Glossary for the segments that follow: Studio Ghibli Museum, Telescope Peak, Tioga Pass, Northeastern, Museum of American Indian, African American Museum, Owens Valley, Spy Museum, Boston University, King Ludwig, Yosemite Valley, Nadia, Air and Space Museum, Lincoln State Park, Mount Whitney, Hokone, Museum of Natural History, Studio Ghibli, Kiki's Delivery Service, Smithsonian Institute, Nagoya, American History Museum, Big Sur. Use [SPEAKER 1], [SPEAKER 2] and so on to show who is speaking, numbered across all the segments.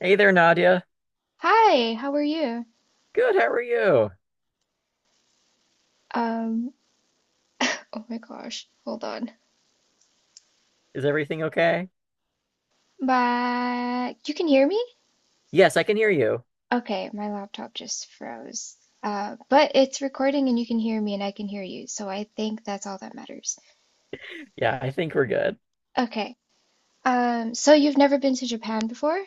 [SPEAKER 1] Hey there, Nadia.
[SPEAKER 2] Hi, how are you?
[SPEAKER 1] Good, how are you?
[SPEAKER 2] Um, oh my gosh, hold on.
[SPEAKER 1] Is everything okay?
[SPEAKER 2] But you can hear me?
[SPEAKER 1] Yes, I can hear you.
[SPEAKER 2] Okay, my laptop just froze. But it's recording and you can hear me and I can hear you, so I think that's all that matters.
[SPEAKER 1] Yeah, I think we're good.
[SPEAKER 2] Okay. So you've never been to Japan before?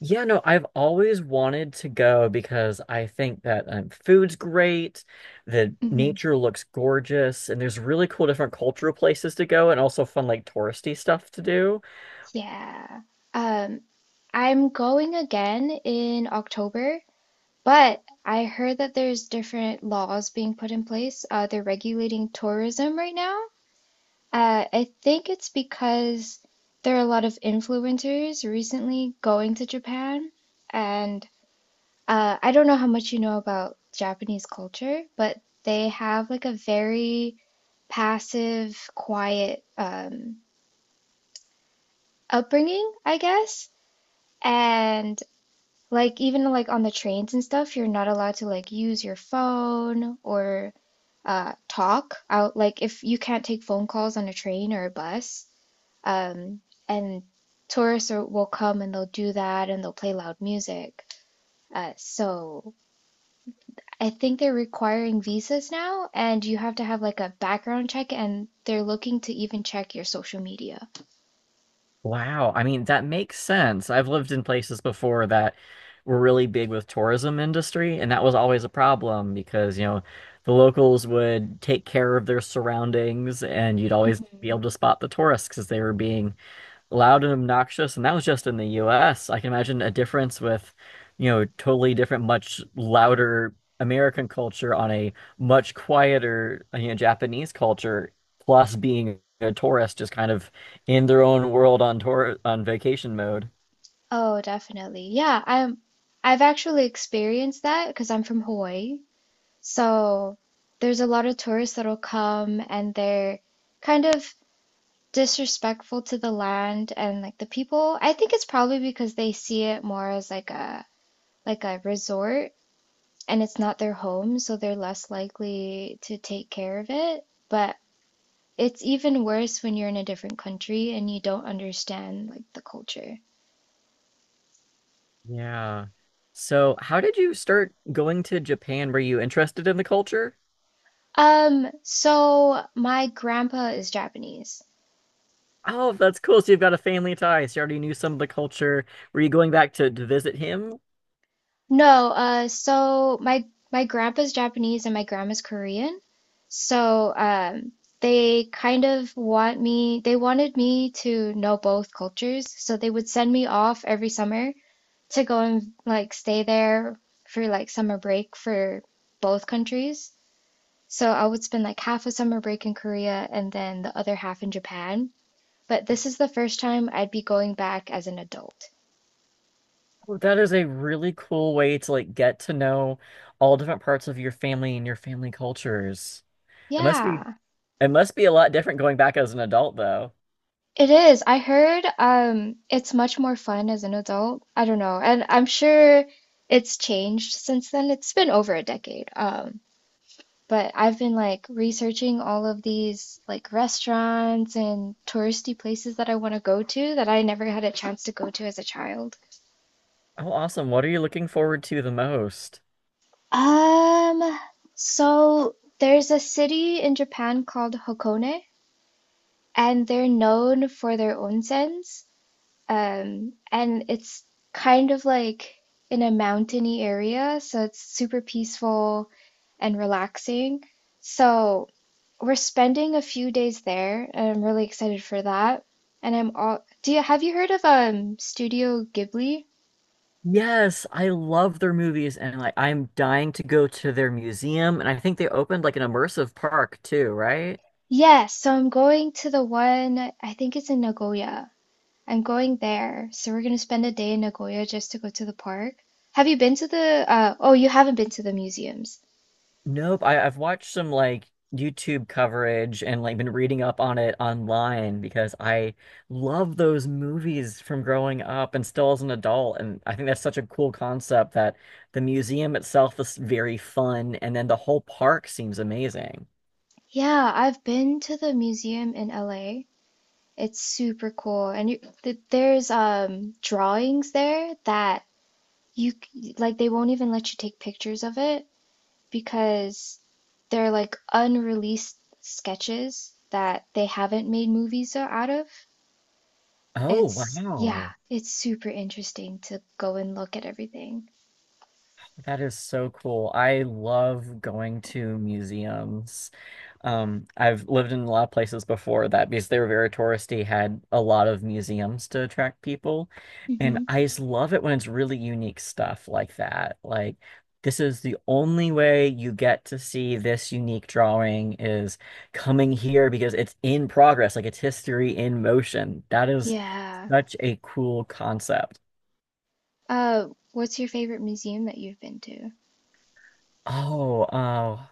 [SPEAKER 1] Yeah, no, I've always wanted to go because I think that food's great, the
[SPEAKER 2] Hmm.
[SPEAKER 1] nature looks gorgeous, and there's really cool different cultural places to go and also fun like touristy stuff to do.
[SPEAKER 2] Yeah. Um, I'm going again in October, but I heard that there's different laws being put in place. They're regulating tourism right now. I think it's because there are a lot of influencers recently going to Japan, and I don't know how much you know about Japanese culture, but they have like a very passive, quiet upbringing, I guess. And like even like on the trains and stuff, you're not allowed to like use your phone or talk out. Like if you can't take phone calls on a train or a bus. Um, and tourists are, will come and they'll do that and they'll play loud music. So I think they're requiring visas now, and you have to have like a background check, and they're looking to even check your social media.
[SPEAKER 1] Wow. I mean, that makes sense. I've lived in places before that were really big with tourism industry, and that was always a problem because, the locals would take care of their surroundings and you'd always be
[SPEAKER 2] Mhm.
[SPEAKER 1] able to spot the tourists because they were being loud and obnoxious, and that was just in the US. I can imagine a difference with, totally different, much louder American culture on a much quieter, Japanese culture, plus being a tourist just kind of in their own world on tour on vacation mode.
[SPEAKER 2] Oh, definitely. Yeah, I've actually experienced that because I'm from Hawaii. So there's a lot of tourists that'll come and they're kind of disrespectful to the land and like the people. I think it's probably because they see it more as like a resort and it's not their home, so they're less likely to take care of it. But it's even worse when you're in a different country and you don't understand like the culture.
[SPEAKER 1] Yeah. So, how did you start going to Japan? Were you interested in the culture?
[SPEAKER 2] So my grandpa is Japanese.
[SPEAKER 1] Oh, that's cool. So you've got a family tie. So you already knew some of the culture. Were you going back to visit him?
[SPEAKER 2] No, my grandpa's Japanese and my grandma's Korean. So, they wanted me to know both cultures. So they would send me off every summer to go and like stay there for like summer break for both countries. So I would spend like half a summer break in Korea and then the other half in Japan. But this is the first time I'd be going back as an adult.
[SPEAKER 1] Oh, that is a really cool way to like get to know all different parts of your family and your family cultures. It must be
[SPEAKER 2] Yeah.
[SPEAKER 1] it must be a lot different going back as an adult though.
[SPEAKER 2] It is. I heard it's much more fun as an adult. I don't know. And I'm sure it's changed since then. It's been over a decade. But I've been like researching all of these like restaurants and touristy places that I want to go to that I never had a chance to go to as a child.
[SPEAKER 1] Oh, awesome. What are you looking forward to the most?
[SPEAKER 2] Um, so there's a city in Japan called Hokone, and they're known for their onsens. And it's kind of like in a mountainy area, so it's super peaceful and relaxing. So we're spending a few days there, and I'm really excited for that. And I'm all, do you have you heard of Studio Ghibli?
[SPEAKER 1] Yes, I love their movies and like I'm dying to go to their museum and I think they opened like an immersive park too, right?
[SPEAKER 2] Yes, so I'm going to the one, I think it's in Nagoya. I'm going there. So we're gonna spend a day in Nagoya just to go to the park. Have you been to the you haven't been to the museums.
[SPEAKER 1] Nope. I've watched some like YouTube coverage and like been reading up on it online because I love those movies from growing up and still as an adult. And I think that's such a cool concept that the museum itself is very fun and then the whole park seems amazing.
[SPEAKER 2] Yeah, I've been to the museum in LA. It's super cool. And you, th there's drawings there that like they won't even let you take pictures of it because they're like unreleased sketches that they haven't made movies out of.
[SPEAKER 1] Oh,
[SPEAKER 2] It's yeah,
[SPEAKER 1] wow.
[SPEAKER 2] it's super interesting to go and look at everything.
[SPEAKER 1] That is so cool. I love going to museums. I've lived in a lot of places before that because they were very touristy, had a lot of museums to attract people. And
[SPEAKER 2] Hmm.
[SPEAKER 1] I just love it when it's really unique stuff like that. Like, this is the only way you get to see this unique drawing is coming here because it's in progress, like it's history in motion. That is
[SPEAKER 2] Yeah.
[SPEAKER 1] such a cool concept.
[SPEAKER 2] What's your favorite museum that you've been to?
[SPEAKER 1] Oh, oh.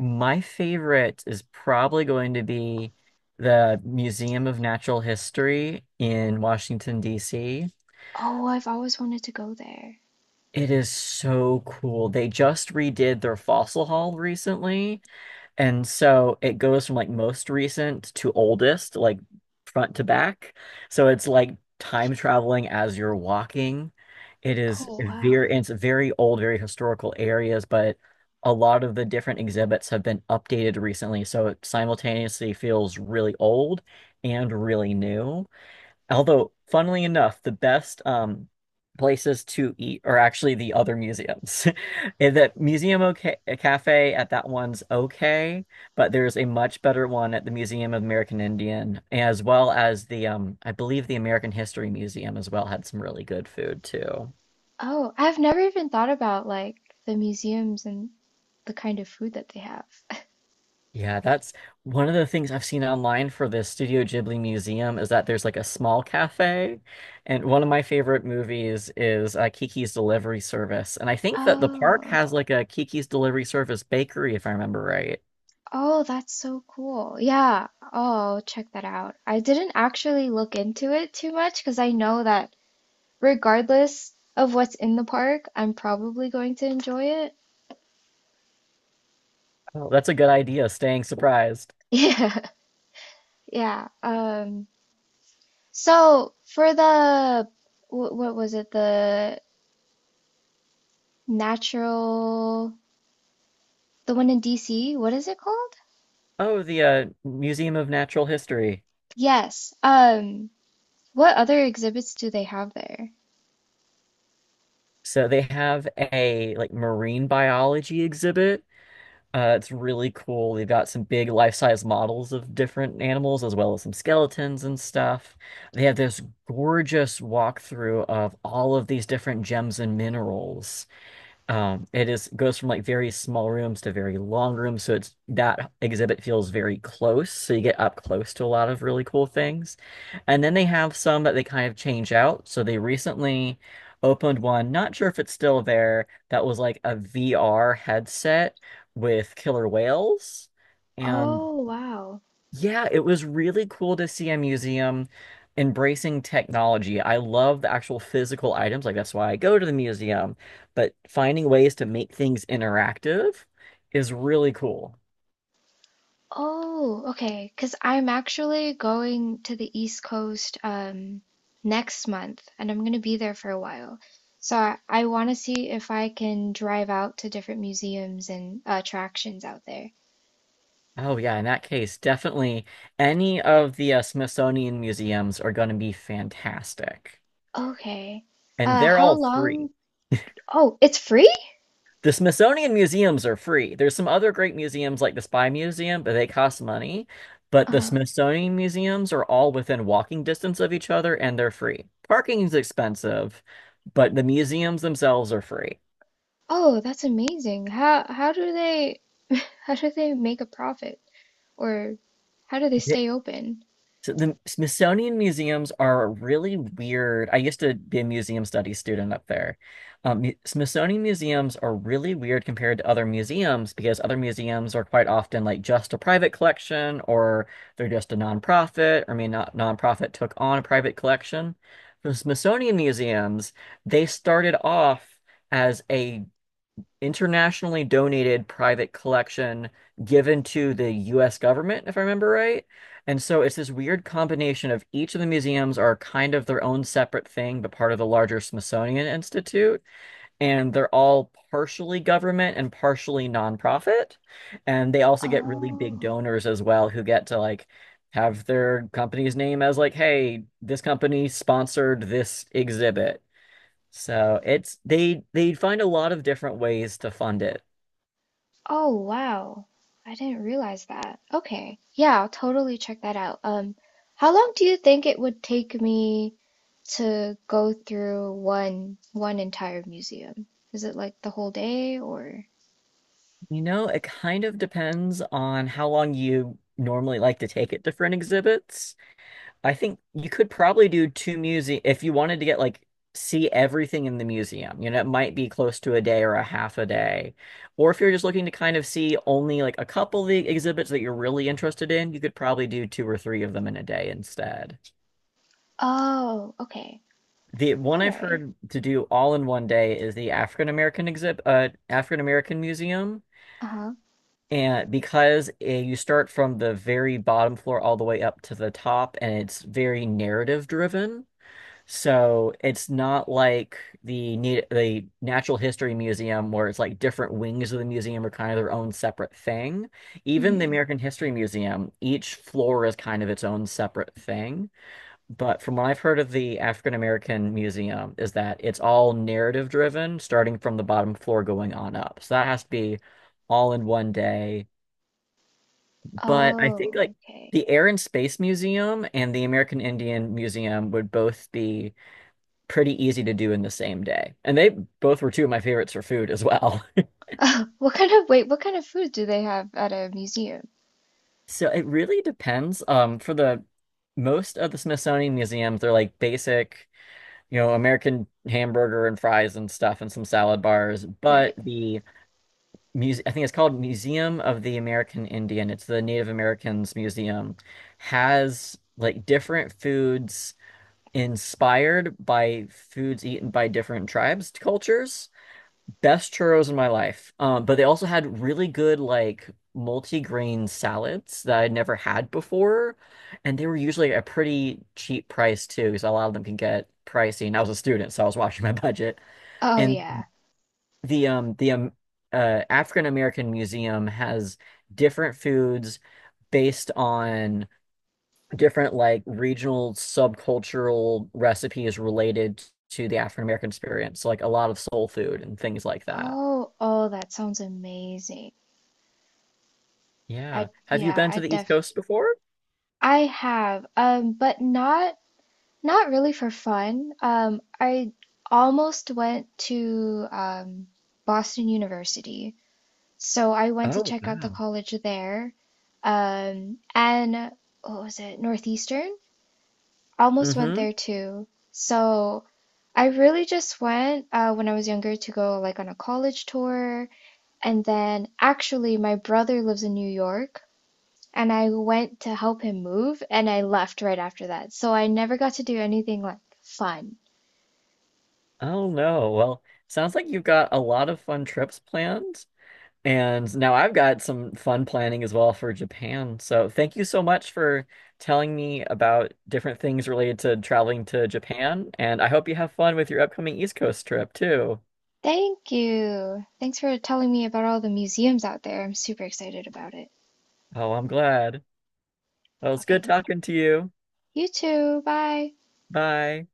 [SPEAKER 1] My favorite is probably going to be the Museum of Natural History in Washington, D.C.
[SPEAKER 2] Oh, I've always wanted to go there.
[SPEAKER 1] It is so cool. They just redid their fossil hall recently, and so it goes from like most recent to oldest, like front to back. So it's like time traveling as you're walking. It is
[SPEAKER 2] Oh, wow.
[SPEAKER 1] very, and it's very old, very historical areas, but a lot of the different exhibits have been updated recently. So it simultaneously feels really old and really new. Although, funnily enough, the best places to eat are actually the other museums. And The Museum, okay, Cafe at that one's okay, but there's a much better one at the Museum of American Indian, as well as the I believe the American History Museum as well had some really good food too.
[SPEAKER 2] Oh, I've never even thought about like the museums and the kind of food that they have.
[SPEAKER 1] Yeah, that's one of the things I've seen online for the Studio Ghibli Museum is that there's like a small cafe. And one of my favorite movies is Kiki's Delivery Service. And I think that the park
[SPEAKER 2] Oh,
[SPEAKER 1] has like a Kiki's Delivery Service bakery, if I remember right.
[SPEAKER 2] oh, that's so cool. Yeah. Oh, I'll check that out. I didn't actually look into it too much because I know that regardless of what's in the park, I'm probably going to enjoy it.
[SPEAKER 1] Oh, that's a good idea, staying surprised.
[SPEAKER 2] Yeah. Yeah. So for the what was it? The natural, the one in DC, what is it called?
[SPEAKER 1] Oh, the Museum of Natural History.
[SPEAKER 2] Yes. What other exhibits do they have there?
[SPEAKER 1] So they have a like marine biology exhibit. It's really cool. They've got some big life-size models of different animals, as well as some skeletons and stuff. They have this gorgeous walkthrough of all of these different gems and minerals. It is goes from like very small rooms to very long rooms, so it's that exhibit feels very close. So you get up close to a lot of really cool things. And then they have some that they kind of change out. So they recently opened one, not sure if it's still there, that was like a VR headset with killer whales. And
[SPEAKER 2] Oh, wow.
[SPEAKER 1] yeah, it was really cool to see a museum embracing technology. I love the actual physical items, like that's why I go to the museum, but finding ways to make things interactive is really cool.
[SPEAKER 2] Oh, okay. Because I'm actually going to the East Coast next month and I'm going to be there for a while. So I want to see if I can drive out to different museums and attractions out there.
[SPEAKER 1] Oh yeah, in that case, definitely any of the Smithsonian museums are going to be fantastic.
[SPEAKER 2] Okay.
[SPEAKER 1] And they're
[SPEAKER 2] How
[SPEAKER 1] all
[SPEAKER 2] long?
[SPEAKER 1] free.
[SPEAKER 2] Oh, it's free?
[SPEAKER 1] The Smithsonian museums are free. There's some other great museums like the Spy Museum, but they cost money. But the
[SPEAKER 2] Uh,
[SPEAKER 1] Smithsonian museums are all within walking distance of each other and they're free. Parking is expensive, but the museums themselves are free.
[SPEAKER 2] oh, that's amazing. How do they how do they make a profit? Or how do they stay open?
[SPEAKER 1] So the Smithsonian museums are really weird. I used to be a museum studies student up there. Smithsonian museums are really weird compared to other museums because other museums are quite often like just a private collection or they're just a nonprofit, or I mean not nonprofit took on a private collection. The Smithsonian museums, they started off as a internationally donated private collection given to the US government, if I remember right. And so it's this weird combination of each of the museums are kind of their own separate thing, but part of the larger Smithsonian Institute. And they're all partially government and partially nonprofit. And they also get really big
[SPEAKER 2] Oh.
[SPEAKER 1] donors as well who get to like have their company's name as like, hey, this company sponsored this exhibit. So it's they find a lot of different ways to fund it.
[SPEAKER 2] Oh wow. I didn't realize that. Okay. Yeah, I'll totally check that out. How long do you think it would take me to go through one entire museum? Is it like the whole day or?
[SPEAKER 1] You know, it kind of depends on how long you normally like to take at different exhibits. I think you could probably do two museum if you wanted to get like see everything in the museum. You know, it might be close to a day or a half a day. Or if you're just looking to kind of see only like a couple of the exhibits that you're really interested in, you could probably do two or three of them in a day instead.
[SPEAKER 2] Oh, okay.
[SPEAKER 1] The one
[SPEAKER 2] All
[SPEAKER 1] I've
[SPEAKER 2] right.
[SPEAKER 1] heard to do all in one day is the African American exhibit, African American Museum.
[SPEAKER 2] Uh-huh.
[SPEAKER 1] And because you start from the very bottom floor all the way up to the top, and it's very narrative driven, so it's not like the Natural History Museum where it's like different wings of the museum are kind of their own separate thing. Even the
[SPEAKER 2] Hmm.
[SPEAKER 1] American History Museum, each floor is kind of its own separate thing. But from what I've heard of the African American Museum, is that it's all narrative driven, starting from the bottom floor going on up. So that has to be all in one day, but I think
[SPEAKER 2] Oh,
[SPEAKER 1] like
[SPEAKER 2] okay.
[SPEAKER 1] the Air and Space Museum and the American Indian Museum would both be pretty easy to do in the same day. And they both were two of my favorites for food as well.
[SPEAKER 2] What kind of, wait, what kind of food do they have at a museum?
[SPEAKER 1] So it really depends. For the most of the Smithsonian museums, they're like basic, you know, American hamburger and fries and stuff and some salad bars. But
[SPEAKER 2] Right.
[SPEAKER 1] the muse I think it's called Museum of the American Indian. It's the Native Americans Museum, has like different foods inspired by foods eaten by different tribes, cultures. Best churros in my life. But they also had really good like multi-grain salads that I'd never had before, and they were usually a pretty cheap price too, because a lot of them can get pricey. And I was a student, so I was watching my budget.
[SPEAKER 2] Oh
[SPEAKER 1] And
[SPEAKER 2] yeah.
[SPEAKER 1] the African American Museum has different foods based on different like regional subcultural recipes related to the African American experience, like a lot of soul food and things like that.
[SPEAKER 2] Oh, oh, that sounds amazing.
[SPEAKER 1] Yeah. Have you been
[SPEAKER 2] I
[SPEAKER 1] to the East
[SPEAKER 2] definitely
[SPEAKER 1] Coast before?
[SPEAKER 2] I have, but not not really for fun. I almost went to Boston University, so I went to
[SPEAKER 1] Oh,
[SPEAKER 2] check out the
[SPEAKER 1] wow.
[SPEAKER 2] college there. And what was it? Northeastern? Almost went
[SPEAKER 1] Mm-hmm.
[SPEAKER 2] there too. So I really just went when I was younger to go like on a college tour, and then actually my brother lives in New York and I went to help him move and I left right after that. So I never got to do anything like fun.
[SPEAKER 1] Oh no. Well, sounds like you've got a lot of fun trips planned. And now I've got some fun planning as well for Japan. So thank you so much for telling me about different things related to traveling to Japan. And I hope you have fun with your upcoming East Coast trip too.
[SPEAKER 2] Thank you. Thanks for telling me about all the museums out there. I'm super excited about it.
[SPEAKER 1] Oh, I'm glad. Well, it's
[SPEAKER 2] Okay.
[SPEAKER 1] good talking to you.
[SPEAKER 2] You too. Bye.
[SPEAKER 1] Bye.